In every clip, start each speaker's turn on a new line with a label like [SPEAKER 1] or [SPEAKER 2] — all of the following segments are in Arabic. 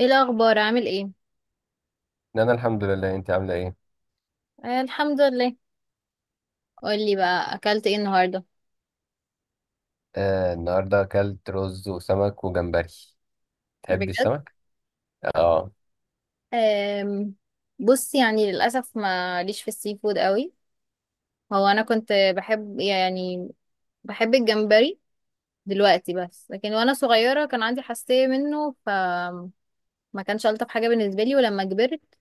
[SPEAKER 1] ايه الاخبار، عامل ايه؟
[SPEAKER 2] انا الحمد لله. انت عامله ايه؟
[SPEAKER 1] آه، الحمد لله. قولي بقى، اكلت ايه النهارده؟
[SPEAKER 2] آه، النهارده اكلت رز وسمك وجمبري. تحبي
[SPEAKER 1] بجد؟
[SPEAKER 2] السمك؟ اه.
[SPEAKER 1] آم بص، يعني للاسف ما ليش في السي فود قوي. هو انا كنت بحب يعني، بحب الجمبري دلوقتي. بس لكن وانا صغيره كان عندي حساسيه منه، فما كانش الطف حاجه بالنسبه لي. ولما كبرت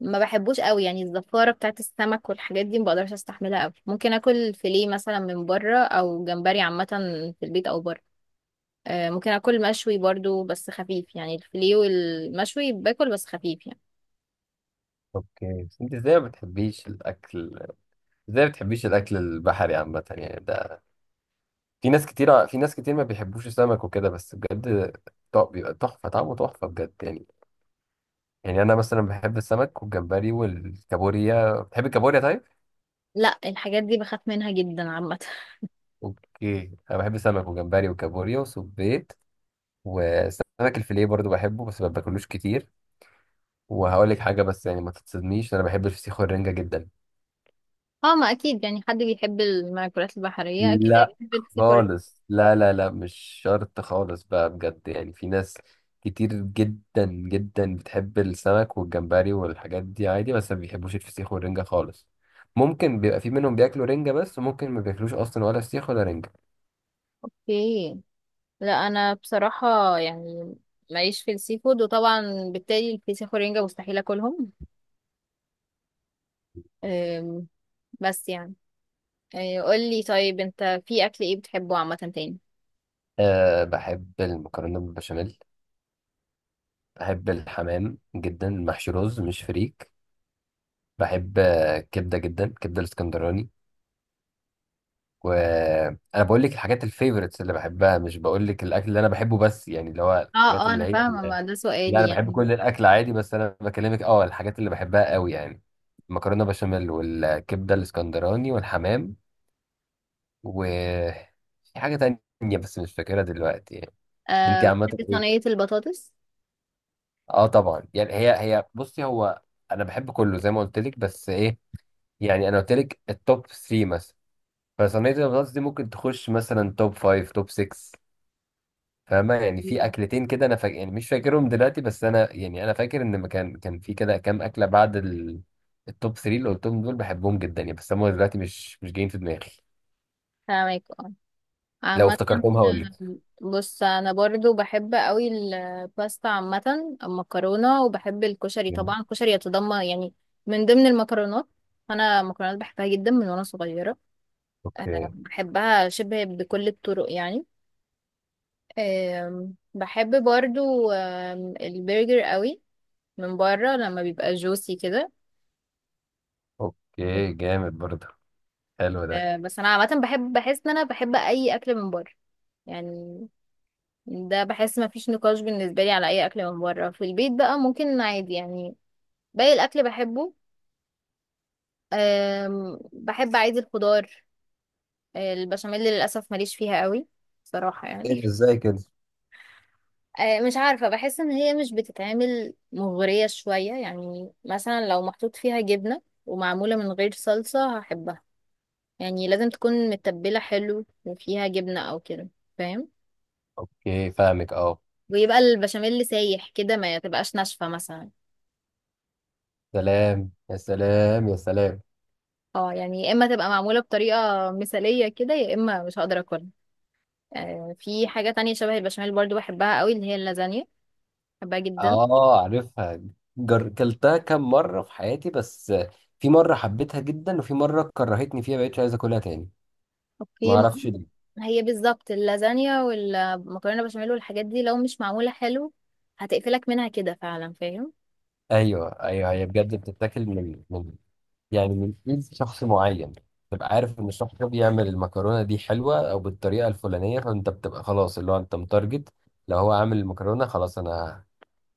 [SPEAKER 1] ما بحبوش قوي، يعني الزفاره بتاعت السمك والحاجات دي ما بقدرش استحملها قوي. ممكن اكل فيليه مثلا من بره، او جمبري عامه، في البيت او بره. ممكن اكل مشوي برضو بس خفيف، يعني الفيليه والمشوي باكل بس خفيف يعني.
[SPEAKER 2] اوكي، بس انت ازاي ما بتحبيش الاكل؟ ازاي ما بتحبيش الاكل البحري عامه، يعني ده في ناس كتير ما بيحبوش السمك وكده، بس بجد بيبقى تحفه، طعمه تحفه بجد يعني انا مثلا بحب السمك والجمبري والكابوريا. بتحبي الكابوريا؟ طيب.
[SPEAKER 1] لا، الحاجات دي بخاف منها جدا عامة.
[SPEAKER 2] اوكي، انا بحب السمك وجمبري وكابوريا وسبيط، وسمك الفيليه برضو بحبه، بس ما باكلوش كتير. وهقول لك حاجه، بس يعني ما تتصدميش، انا بحب الفسيخ والرنجه جدا.
[SPEAKER 1] اه ما اكيد، يعني حد بيحب المأكولات البحرية اكيد
[SPEAKER 2] لا،
[SPEAKER 1] هيحب السي فود.
[SPEAKER 2] خالص. لا، لا، لا، مش شرط خالص بقى، بجد يعني. في ناس كتير جدا جدا بتحب السمك والجمبري والحاجات دي عادي، بس ما بيحبوش الفسيخ والرنجة خالص. ممكن بيبقى في منهم بياكلوا رنجة بس، وممكن ما بياكلوش اصلا ولا فسيخ ولا رنجة.
[SPEAKER 1] اوكي. لا، انا بصراحة يعني ماليش في السي فود، وطبعا بالتالي الفسيخ والرنجة مستحيل اكلهم. آم، بس يعني، قولي طيب، انت في اكل ايه بتحبه عامة تاني؟
[SPEAKER 2] أه، بحب المكرونة بالبشاميل. بحب الحمام جدا، محشي رز مش فريك. بحب كبدة جدا، كبدة الاسكندراني. وانا بقول لك الحاجات الفيفوريتس اللي بحبها، مش بقول لك الاكل اللي انا بحبه بس، يعني اللي هو
[SPEAKER 1] اه
[SPEAKER 2] الحاجات
[SPEAKER 1] اه،
[SPEAKER 2] اللي
[SPEAKER 1] انا
[SPEAKER 2] هي.
[SPEAKER 1] فاهمة، ما ده
[SPEAKER 2] لا،
[SPEAKER 1] سؤالي
[SPEAKER 2] انا بحب
[SPEAKER 1] يعني.
[SPEAKER 2] كل الاكل عادي، بس انا بكلمك الحاجات اللي بحبها قوي يعني. المكرونه بشاميل والكبده الاسكندراني والحمام، و في حاجه تانية بس مش فاكرها دلوقتي يعني. انت
[SPEAKER 1] أه،
[SPEAKER 2] عامه
[SPEAKER 1] بتحبي
[SPEAKER 2] ايه؟
[SPEAKER 1] صينية البطاطس؟
[SPEAKER 2] اه طبعا، يعني هي بصي. هو انا بحب كله زي ما قلت لك، بس ايه، يعني انا قلت لك التوب 3 مثلا، فصينيه البطاطس دي ممكن تخش مثلا توب 5 توب 6. فاهمة؟ يعني في
[SPEAKER 1] مم.
[SPEAKER 2] أكلتين كده أنا فاكر، يعني مش فاكرهم دلوقتي، بس أنا يعني أنا فاكر إن ما كان في كده كام أكلة بعد ال... التوب 3 اللي قلتهم دول بحبهم جدا يعني، بس هم دلوقتي مش جايين في دماغي.
[SPEAKER 1] فاهمك.
[SPEAKER 2] لو
[SPEAKER 1] عامة
[SPEAKER 2] افتكرتهم هقول لك.
[SPEAKER 1] بص، انا برضو بحب قوي الباستا عامة، المكرونة. وبحب الكشري
[SPEAKER 2] جامد.
[SPEAKER 1] طبعا. الكشري يتضمن يعني من ضمن المكرونات. انا مكرونات بحبها جدا من وانا صغيرة. أه
[SPEAKER 2] أوكي.
[SPEAKER 1] بحبها شبه بكل الطرق يعني. بحب برضو البرجر قوي من بره لما بيبقى جوسي كده.
[SPEAKER 2] أوكي، جامد برضه. حلو ده.
[SPEAKER 1] أه بس انا عامة بحب، بحس ان انا بحب اي اكل من بره يعني. ده بحس ما فيش نقاش بالنسبة لي على أي أكل من بره. في البيت بقى ممكن عادي يعني، باقي الأكل بحبه. بحب عادي الخضار. البشاميل للأسف ماليش فيها قوي صراحة
[SPEAKER 2] ايه
[SPEAKER 1] يعني.
[SPEAKER 2] ده، ازاي كده؟
[SPEAKER 1] مش عارفة، بحس إن هي مش بتتعمل مغرية شوية. يعني مثلا لو محطوط فيها جبنة ومعمولة من غير صلصة هحبها، يعني لازم تكون متبلة حلو وفيها جبنة أو كده، فاهم؟
[SPEAKER 2] اوكي، فاهمك، اه.
[SPEAKER 1] ويبقى البشاميل سايح كده، ما تبقاش ناشفة مثلا.
[SPEAKER 2] سلام يا سلام يا سلام.
[SPEAKER 1] اه يعني يا اما تبقى معموله بطريقه مثاليه كده، يا اما مش هقدر اكلها. في حاجه تانية شبه البشاميل برضو بحبها قوي، اللي هي اللازانيا. بحبها جدا.
[SPEAKER 2] اه، عارفها. كلتها كام مرة في حياتي بس. في مرة حبيتها جدا، وفي مرة كرهتني فيها بقيتش عايز اكلها تاني. ما
[SPEAKER 1] اوكي ما.
[SPEAKER 2] اعرفش.
[SPEAKER 1] هي بالظبط اللازانيا والمكرونه بشاميل والحاجات دي لو مش معموله حلو هتقفلك منها كده فعلا، فاهم؟
[SPEAKER 2] ايوه، ايوه، هي بجد بتتاكل من يعني من ايد شخص معين. تبقى عارف ان الشخص ده بيعمل المكرونه دي حلوه او بالطريقه الفلانيه، فانت بتبقى خلاص اللي هو انت متارجت. لو هو عامل المكرونه خلاص انا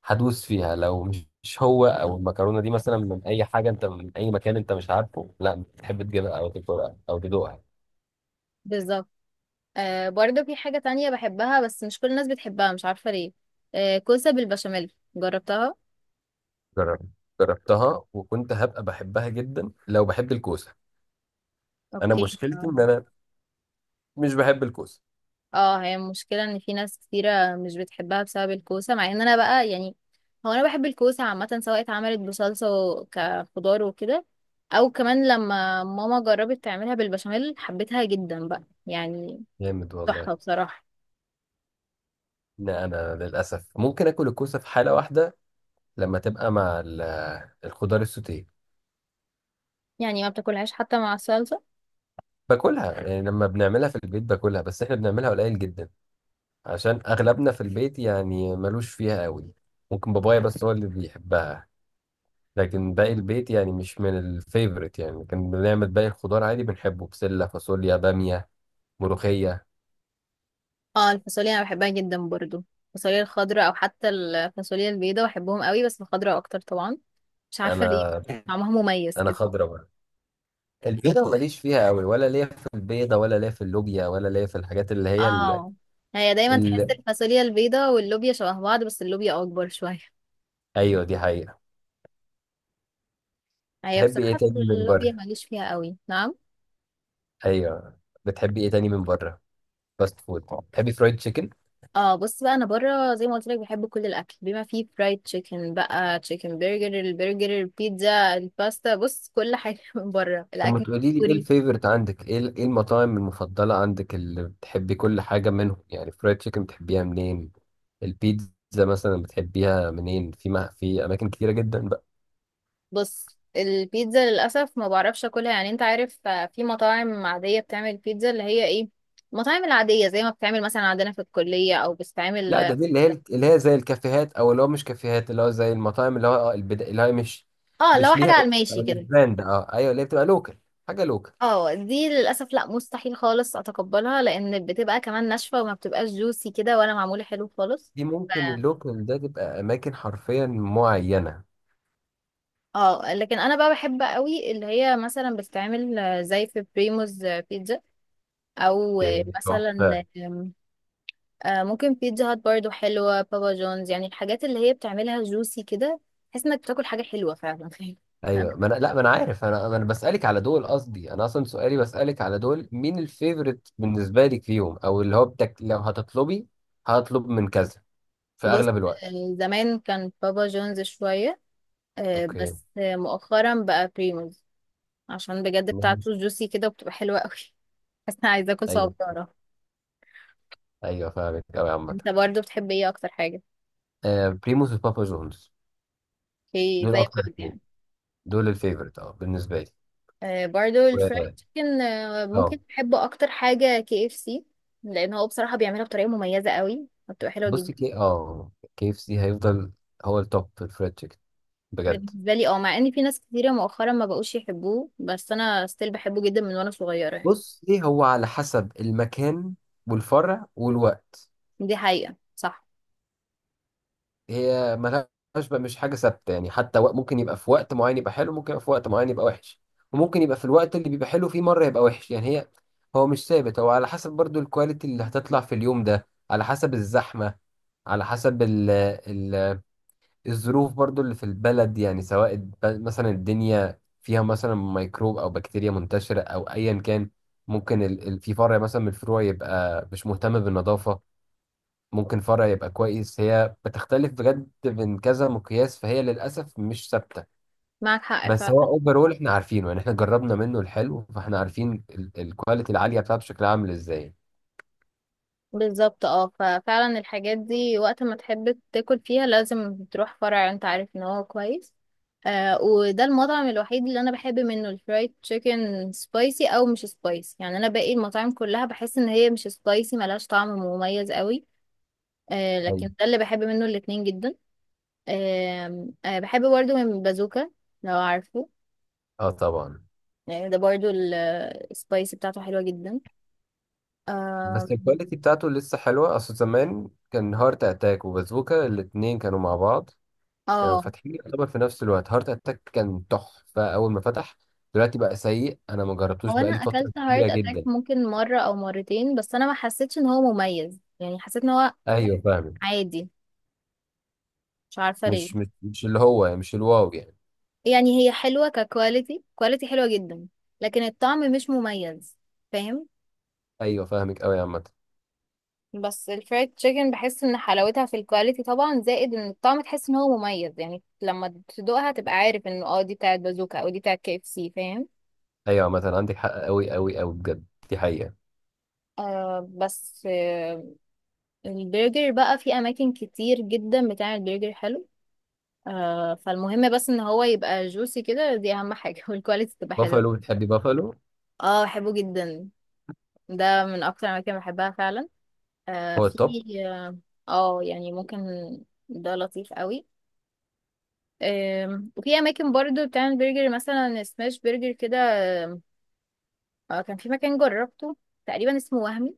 [SPEAKER 2] هدوس فيها، لو مش هو، او المكرونه دي مثلا من اي حاجه، انت من اي مكان انت مش عارفه، لا بتحب تجيبها او تاكلها او تدوقها.
[SPEAKER 1] بالظبط. برضو في حاجه تانية بحبها بس مش كل الناس بتحبها، مش عارفه ليه. كوسه بالبشاميل، جربتها؟
[SPEAKER 2] جرب- جربتها، وكنت هبقى بحبها جدا لو بحب الكوسه. انا
[SPEAKER 1] اوكي.
[SPEAKER 2] مشكلتي ان انا مش بحب الكوسه.
[SPEAKER 1] اه، هي المشكلة ان في ناس كتيرة مش بتحبها بسبب الكوسة، مع ان انا بقى يعني، هو انا بحب الكوسة عامة سواء اتعملت بصلصة كخضار وكده، او كمان لما ماما جربت تعملها بالبشاميل حبيتها جدا بقى يعني.
[SPEAKER 2] جامد والله.
[SPEAKER 1] تحفة بصراحة.
[SPEAKER 2] لا، انا للاسف ممكن اكل الكوسه في حاله واحده، لما تبقى مع الخضار السوتيه.
[SPEAKER 1] يعني ما بتاكلهاش حتى مع الصلصة؟
[SPEAKER 2] باكلها يعني لما بنعملها في البيت باكلها، بس احنا بنعملها قليل جدا عشان اغلبنا في البيت يعني ملوش فيها قوي. ممكن بابايا بس هو اللي بيحبها، لكن باقي البيت يعني مش من الفيفوريت. يعني كان بنعمل باقي الخضار عادي بنحبه، بسله فاصوليا باميه ملوخيه.
[SPEAKER 1] اه الفاصوليا انا بحبها جدا برضو، الفاصوليا الخضراء او حتى الفاصوليا البيضاء بحبهم قوي، بس الخضراء اكتر طبعا، مش عارفة ليه،
[SPEAKER 2] انا
[SPEAKER 1] طعمها مميز
[SPEAKER 2] انا
[SPEAKER 1] كده.
[SPEAKER 2] خضرا بقى، البيضه ماليش فيها قوي، ولا ليا في البيضه، ولا ليا في اللوبيا، ولا ليا في الحاجات اللي هي.
[SPEAKER 1] اه هي دايما تحس الفاصوليا البيضة واللوبيا شبه بعض، بس اللوبيا اكبر شوية.
[SPEAKER 2] ايوه، دي حقيقة.
[SPEAKER 1] هي
[SPEAKER 2] تحبي ايه
[SPEAKER 1] بصراحة
[SPEAKER 2] تاني من
[SPEAKER 1] اللوبيا
[SPEAKER 2] بره؟
[SPEAKER 1] ماليش فيها قوي، نعم.
[SPEAKER 2] ايوه. بتحبي ايه تاني من بره؟ فاست فود؟ تحبي فرايد تشيكن؟
[SPEAKER 1] اه بص بقى، انا بره زي ما قلت لك بحب كل الاكل، بما فيه فرايد تشيكن بقى، تشيكن برجر، البرجر، البيتزا، الباستا. بص كل حاجة من بره،
[SPEAKER 2] طب ما
[SPEAKER 1] الاكل
[SPEAKER 2] تقولي لي، ايه
[SPEAKER 1] الكوري.
[SPEAKER 2] الفيفورت عندك، ايه ايه المطاعم المفضلة عندك اللي بتحبي كل حاجة منهم، يعني فرايد تشيكن بتحبيها منين؟ البيتزا مثلا بتحبيها منين؟ في، ما في اماكن كتيرة جدا بقى.
[SPEAKER 1] بص البيتزا للاسف ما بعرفش اكلها، يعني انت عارف، في مطاعم عادية بتعمل بيتزا اللي هي ايه، المطاعم العادية زي ما بتعمل مثلا عندنا في الكلية او
[SPEAKER 2] لا،
[SPEAKER 1] بتتعمل،
[SPEAKER 2] ده دي اللي هي زي الكافيهات، او اللي هو مش كافيهات، اللي هو زي المطاعم، اللي هو البدا، اللي هي مش
[SPEAKER 1] اه لو
[SPEAKER 2] مش ليها
[SPEAKER 1] حاجة على
[SPEAKER 2] اسم،
[SPEAKER 1] الماشي
[SPEAKER 2] مش
[SPEAKER 1] كده.
[SPEAKER 2] براند. اه ايوه، اللي هي بتبقى لوكال، حاجة لوكال.
[SPEAKER 1] اه دي للاسف لا، مستحيل خالص اتقبلها لان بتبقى كمان ناشفه وما بتبقاش جوسي كده ولا معموله حلو خالص.
[SPEAKER 2] دي
[SPEAKER 1] ف...
[SPEAKER 2] ممكن اللوكال ده تبقى اماكن حرفيا معينه.
[SPEAKER 1] اه لكن انا بقى بحب قوي اللي هي مثلا بتتعمل زي في بريموز بيتزا، او
[SPEAKER 2] يعني تحفه.
[SPEAKER 1] مثلا ممكن بيتزا هات برضو حلوه، بابا جونز، يعني الحاجات اللي هي بتعملها جوسي كده، تحس انك بتاكل حاجه حلوه فعلا.
[SPEAKER 2] ايوه، ما انا، لا، ما انا عارف، انا بسالك على دول. قصدي انا اصلا سؤالي بسالك على دول مين الفيفوريت بالنسبه لك فيهم، او اللي هو لو هتطلبي هطلب من كذا في
[SPEAKER 1] بص
[SPEAKER 2] اغلب الوقت.
[SPEAKER 1] زمان كان بابا جونز شويه،
[SPEAKER 2] اوكي،
[SPEAKER 1] بس مؤخرا بقى بريموز، عشان بجد بتاعته
[SPEAKER 2] ماشي.
[SPEAKER 1] جوسي كده وبتبقى حلوة قوي. بس انا عايزة اكل
[SPEAKER 2] ايوه،
[SPEAKER 1] صبارة.
[SPEAKER 2] ايوه، فاهمك قوي عامه.
[SPEAKER 1] انت برضو بتحب ايه اكتر حاجة؟
[SPEAKER 2] آه، بريموس وبابا جونز
[SPEAKER 1] اوكي
[SPEAKER 2] دول
[SPEAKER 1] زي
[SPEAKER 2] اكتر
[SPEAKER 1] بعض
[SPEAKER 2] اتنين،
[SPEAKER 1] يعني.
[SPEAKER 2] دول الفيفوريت اه بالنسبه لي.
[SPEAKER 1] برضو الفرايد
[SPEAKER 2] و...
[SPEAKER 1] تشيكن ممكن
[SPEAKER 2] اه،
[SPEAKER 1] بحبه اكتر حاجة كي اف سي، لان هو بصراحة بيعملها بطريقة مميزة قوي وبتبقى حلوة جدا
[SPEAKER 2] بصي، كي اف سي هيفضل هو التوب في الفريد تشيكن، بجد.
[SPEAKER 1] بالنسبة لي. اه، مع ان في ناس كتيرة مؤخرا ما بقوش يحبوه، بس انا ستيل بحبه جدا من وانا صغيرة يعني.
[SPEAKER 2] بص، ايه هو على حسب المكان والفرع والوقت.
[SPEAKER 1] دي حقيقة، صح،
[SPEAKER 2] هي ملهاش بقى، مش حاجة ثابتة يعني. حتى ممكن يبقى في وقت معين يبقى حلو، ممكن يبقى في وقت معين يبقى وحش. وممكن يبقى في الوقت اللي بيبقى حلو فيه مرة يبقى وحش. يعني هي، هو مش ثابت، هو على حسب برضو الكواليتي اللي هتطلع في اليوم ده، على حسب الزحمة، على حسب ال ال الظروف برضو اللي في البلد. يعني سواء مثلا الدنيا فيها مثلا ميكروب او بكتيريا منتشرة او ايا كان. ممكن في فرع مثلا من الفروع يبقى مش مهتم بالنظافة، ممكن فرع يبقى كويس. هي بتختلف بجد من كذا مقياس، فهي للأسف مش ثابتة.
[SPEAKER 1] معك حق.
[SPEAKER 2] بس هو اوفرول احنا عارفينه يعني، احنا جربنا منه الحلو، فاحنا عارفين الكواليتي العالية بتاعته شكلها عامل ازاي.
[SPEAKER 1] بالظبط، اه ففعلا الحاجات دي وقت ما تحب تاكل فيها لازم تروح فرع انت عارف ان هو كويس. وده المطعم الوحيد اللي انا بحب منه الفرايد تشيكن، سبايسي او مش سبايسي، يعني انا باقي المطاعم كلها بحس ان هي مش سبايسي ملهاش طعم مميز قوي.
[SPEAKER 2] أيوة.
[SPEAKER 1] لكن ده اللي بحب منه الاتنين جدا. آه بحب برضه من بازوكا، لو عارفه.
[SPEAKER 2] اه طبعا.
[SPEAKER 1] يعني ده برضه السبايسي بتاعته حلوة جدا. آم،
[SPEAKER 2] بس الكواليتي بتاعته لسه حلوة. اصل زمان كان هارت اتاك وبازوكا الاتنين كانوا مع بعض، كانوا
[SPEAKER 1] اه
[SPEAKER 2] فاتحين يعتبر في نفس الوقت. هارت اتاك كان تحفة اول ما فتح، دلوقتي بقى سيء. انا ما جربتوش
[SPEAKER 1] هو انا
[SPEAKER 2] بقالي فترة
[SPEAKER 1] اكلت
[SPEAKER 2] كبيرة
[SPEAKER 1] هارت اتاك
[SPEAKER 2] جدا.
[SPEAKER 1] ممكن مره او مرتين بس انا ما حسيتش ان هو مميز، يعني حسيت ان هو
[SPEAKER 2] ايوه، فاهمك.
[SPEAKER 1] عادي، مش عارفه
[SPEAKER 2] مش
[SPEAKER 1] ليه.
[SPEAKER 2] مش مش اللي هو يعني، مش الواو يعني.
[SPEAKER 1] يعني هي حلوه ككواليتي، كواليتي حلوه جدا لكن الطعم مش مميز، فاهم؟
[SPEAKER 2] ايوه فاهمك قوي يا عامه.
[SPEAKER 1] بس الفرايد تشيكن بحس ان حلاوتها في الكواليتي طبعا، زائد ان الطعم تحس ان هو مميز، يعني لما تدوقها تبقى عارف انه اه دي بتاعت بازوكا او دي بتاعت كي اف سي، فاهم؟
[SPEAKER 2] ايوه عامه، عندك حق قوي قوي قوي بجد، دي حقيقه.
[SPEAKER 1] بس البرجر بقى في اماكن كتير جدا بتعمل برجر حلو. فالمهم بس ان هو يبقى جوسي كده، دي اهم حاجة. والكواليتي تبقى حلوة.
[SPEAKER 2] بافالو؟ بتحبي بافالو؟
[SPEAKER 1] اه بحبه جدا، ده من اكتر الاماكن اللي بحبها فعلا. آه
[SPEAKER 2] هو
[SPEAKER 1] في
[SPEAKER 2] التوب.
[SPEAKER 1] اه آه، يعني ممكن، ده لطيف قوي. وفي اماكن برضو بتعمل برجر مثلا سماش برجر كده. كان في مكان جربته تقريبا اسمه وهمي،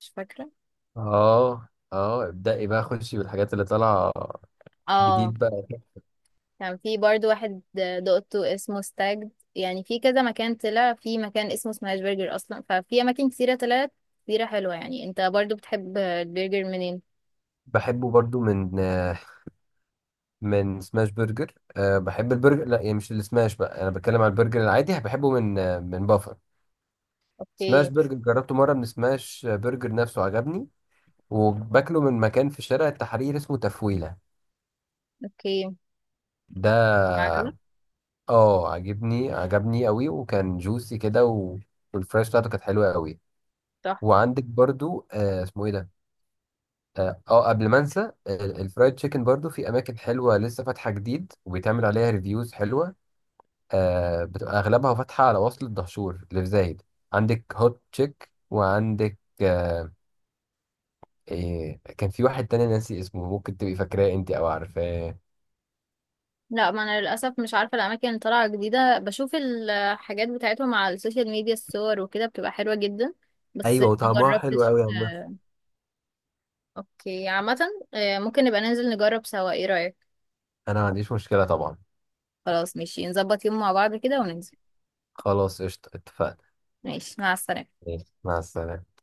[SPEAKER 1] مش فاكرة.
[SPEAKER 2] اه، اه، ابدأي بقى، خشي بالحاجات اللي طالعه
[SPEAKER 1] اه
[SPEAKER 2] جديد بقى.
[SPEAKER 1] كان في برضو واحد دقته اسمه ستاجد، يعني في كذا مكان طلع، في مكان اسمه سماش برجر اصلا، ففي اماكن كتيره طلعت كتيره حلوه. يعني انت برضو بتحب البرجر منين؟
[SPEAKER 2] بحبه برضو من من سماش برجر. أه، بحب البرجر، لا يعني مش السماش بقى، انا بتكلم على البرجر العادي، بحبه من من بافر. سماش
[SPEAKER 1] اوكي.
[SPEAKER 2] برجر جربته مره من سماش برجر نفسه، عجبني. وباكله من مكان في شارع التحرير اسمه تفويله
[SPEAKER 1] اوكي،
[SPEAKER 2] ده.
[SPEAKER 1] عجبك؟
[SPEAKER 2] اه، عجبني، عجبني قوي، وكان جوسي كده. و... والفراش بتاعته كانت حلوه قوي.
[SPEAKER 1] صح.
[SPEAKER 2] وعندك برضو اسمه ايه ده، قبل ما انسى، الفرايد تشيكن برضو في اماكن حلوه لسه فاتحه جديد وبيتعمل عليها ريفيوز حلوه. آه، بتبقى اغلبها فاتحه على وصل الدهشور اللي في زايد. عندك هوت تشيك، وعندك إيه، كان في واحد تاني ناسي اسمه، ممكن تبقي فاكراه انت او عارفاه؟
[SPEAKER 1] لا ما انا للاسف مش عارفه الاماكن اللي طالعه جديده، بشوف الحاجات بتاعتهم على السوشيال ميديا الصور وكده بتبقى حلوه جدا، بس
[SPEAKER 2] ايوه،
[SPEAKER 1] ما
[SPEAKER 2] وطعمها حلو
[SPEAKER 1] جربتش.
[SPEAKER 2] قوي يا عم.
[SPEAKER 1] اوكي عامه، ممكن نبقى ننزل نجرب سوا، ايه رايك؟
[SPEAKER 2] انا ما عنديش مشكله طبعا.
[SPEAKER 1] خلاص ماشي، نظبط يوم مع بعض كده وننزل.
[SPEAKER 2] خلاص قشطه، اتفقنا.
[SPEAKER 1] ماشي، مع السلامه.
[SPEAKER 2] ماشي، مع السلامه.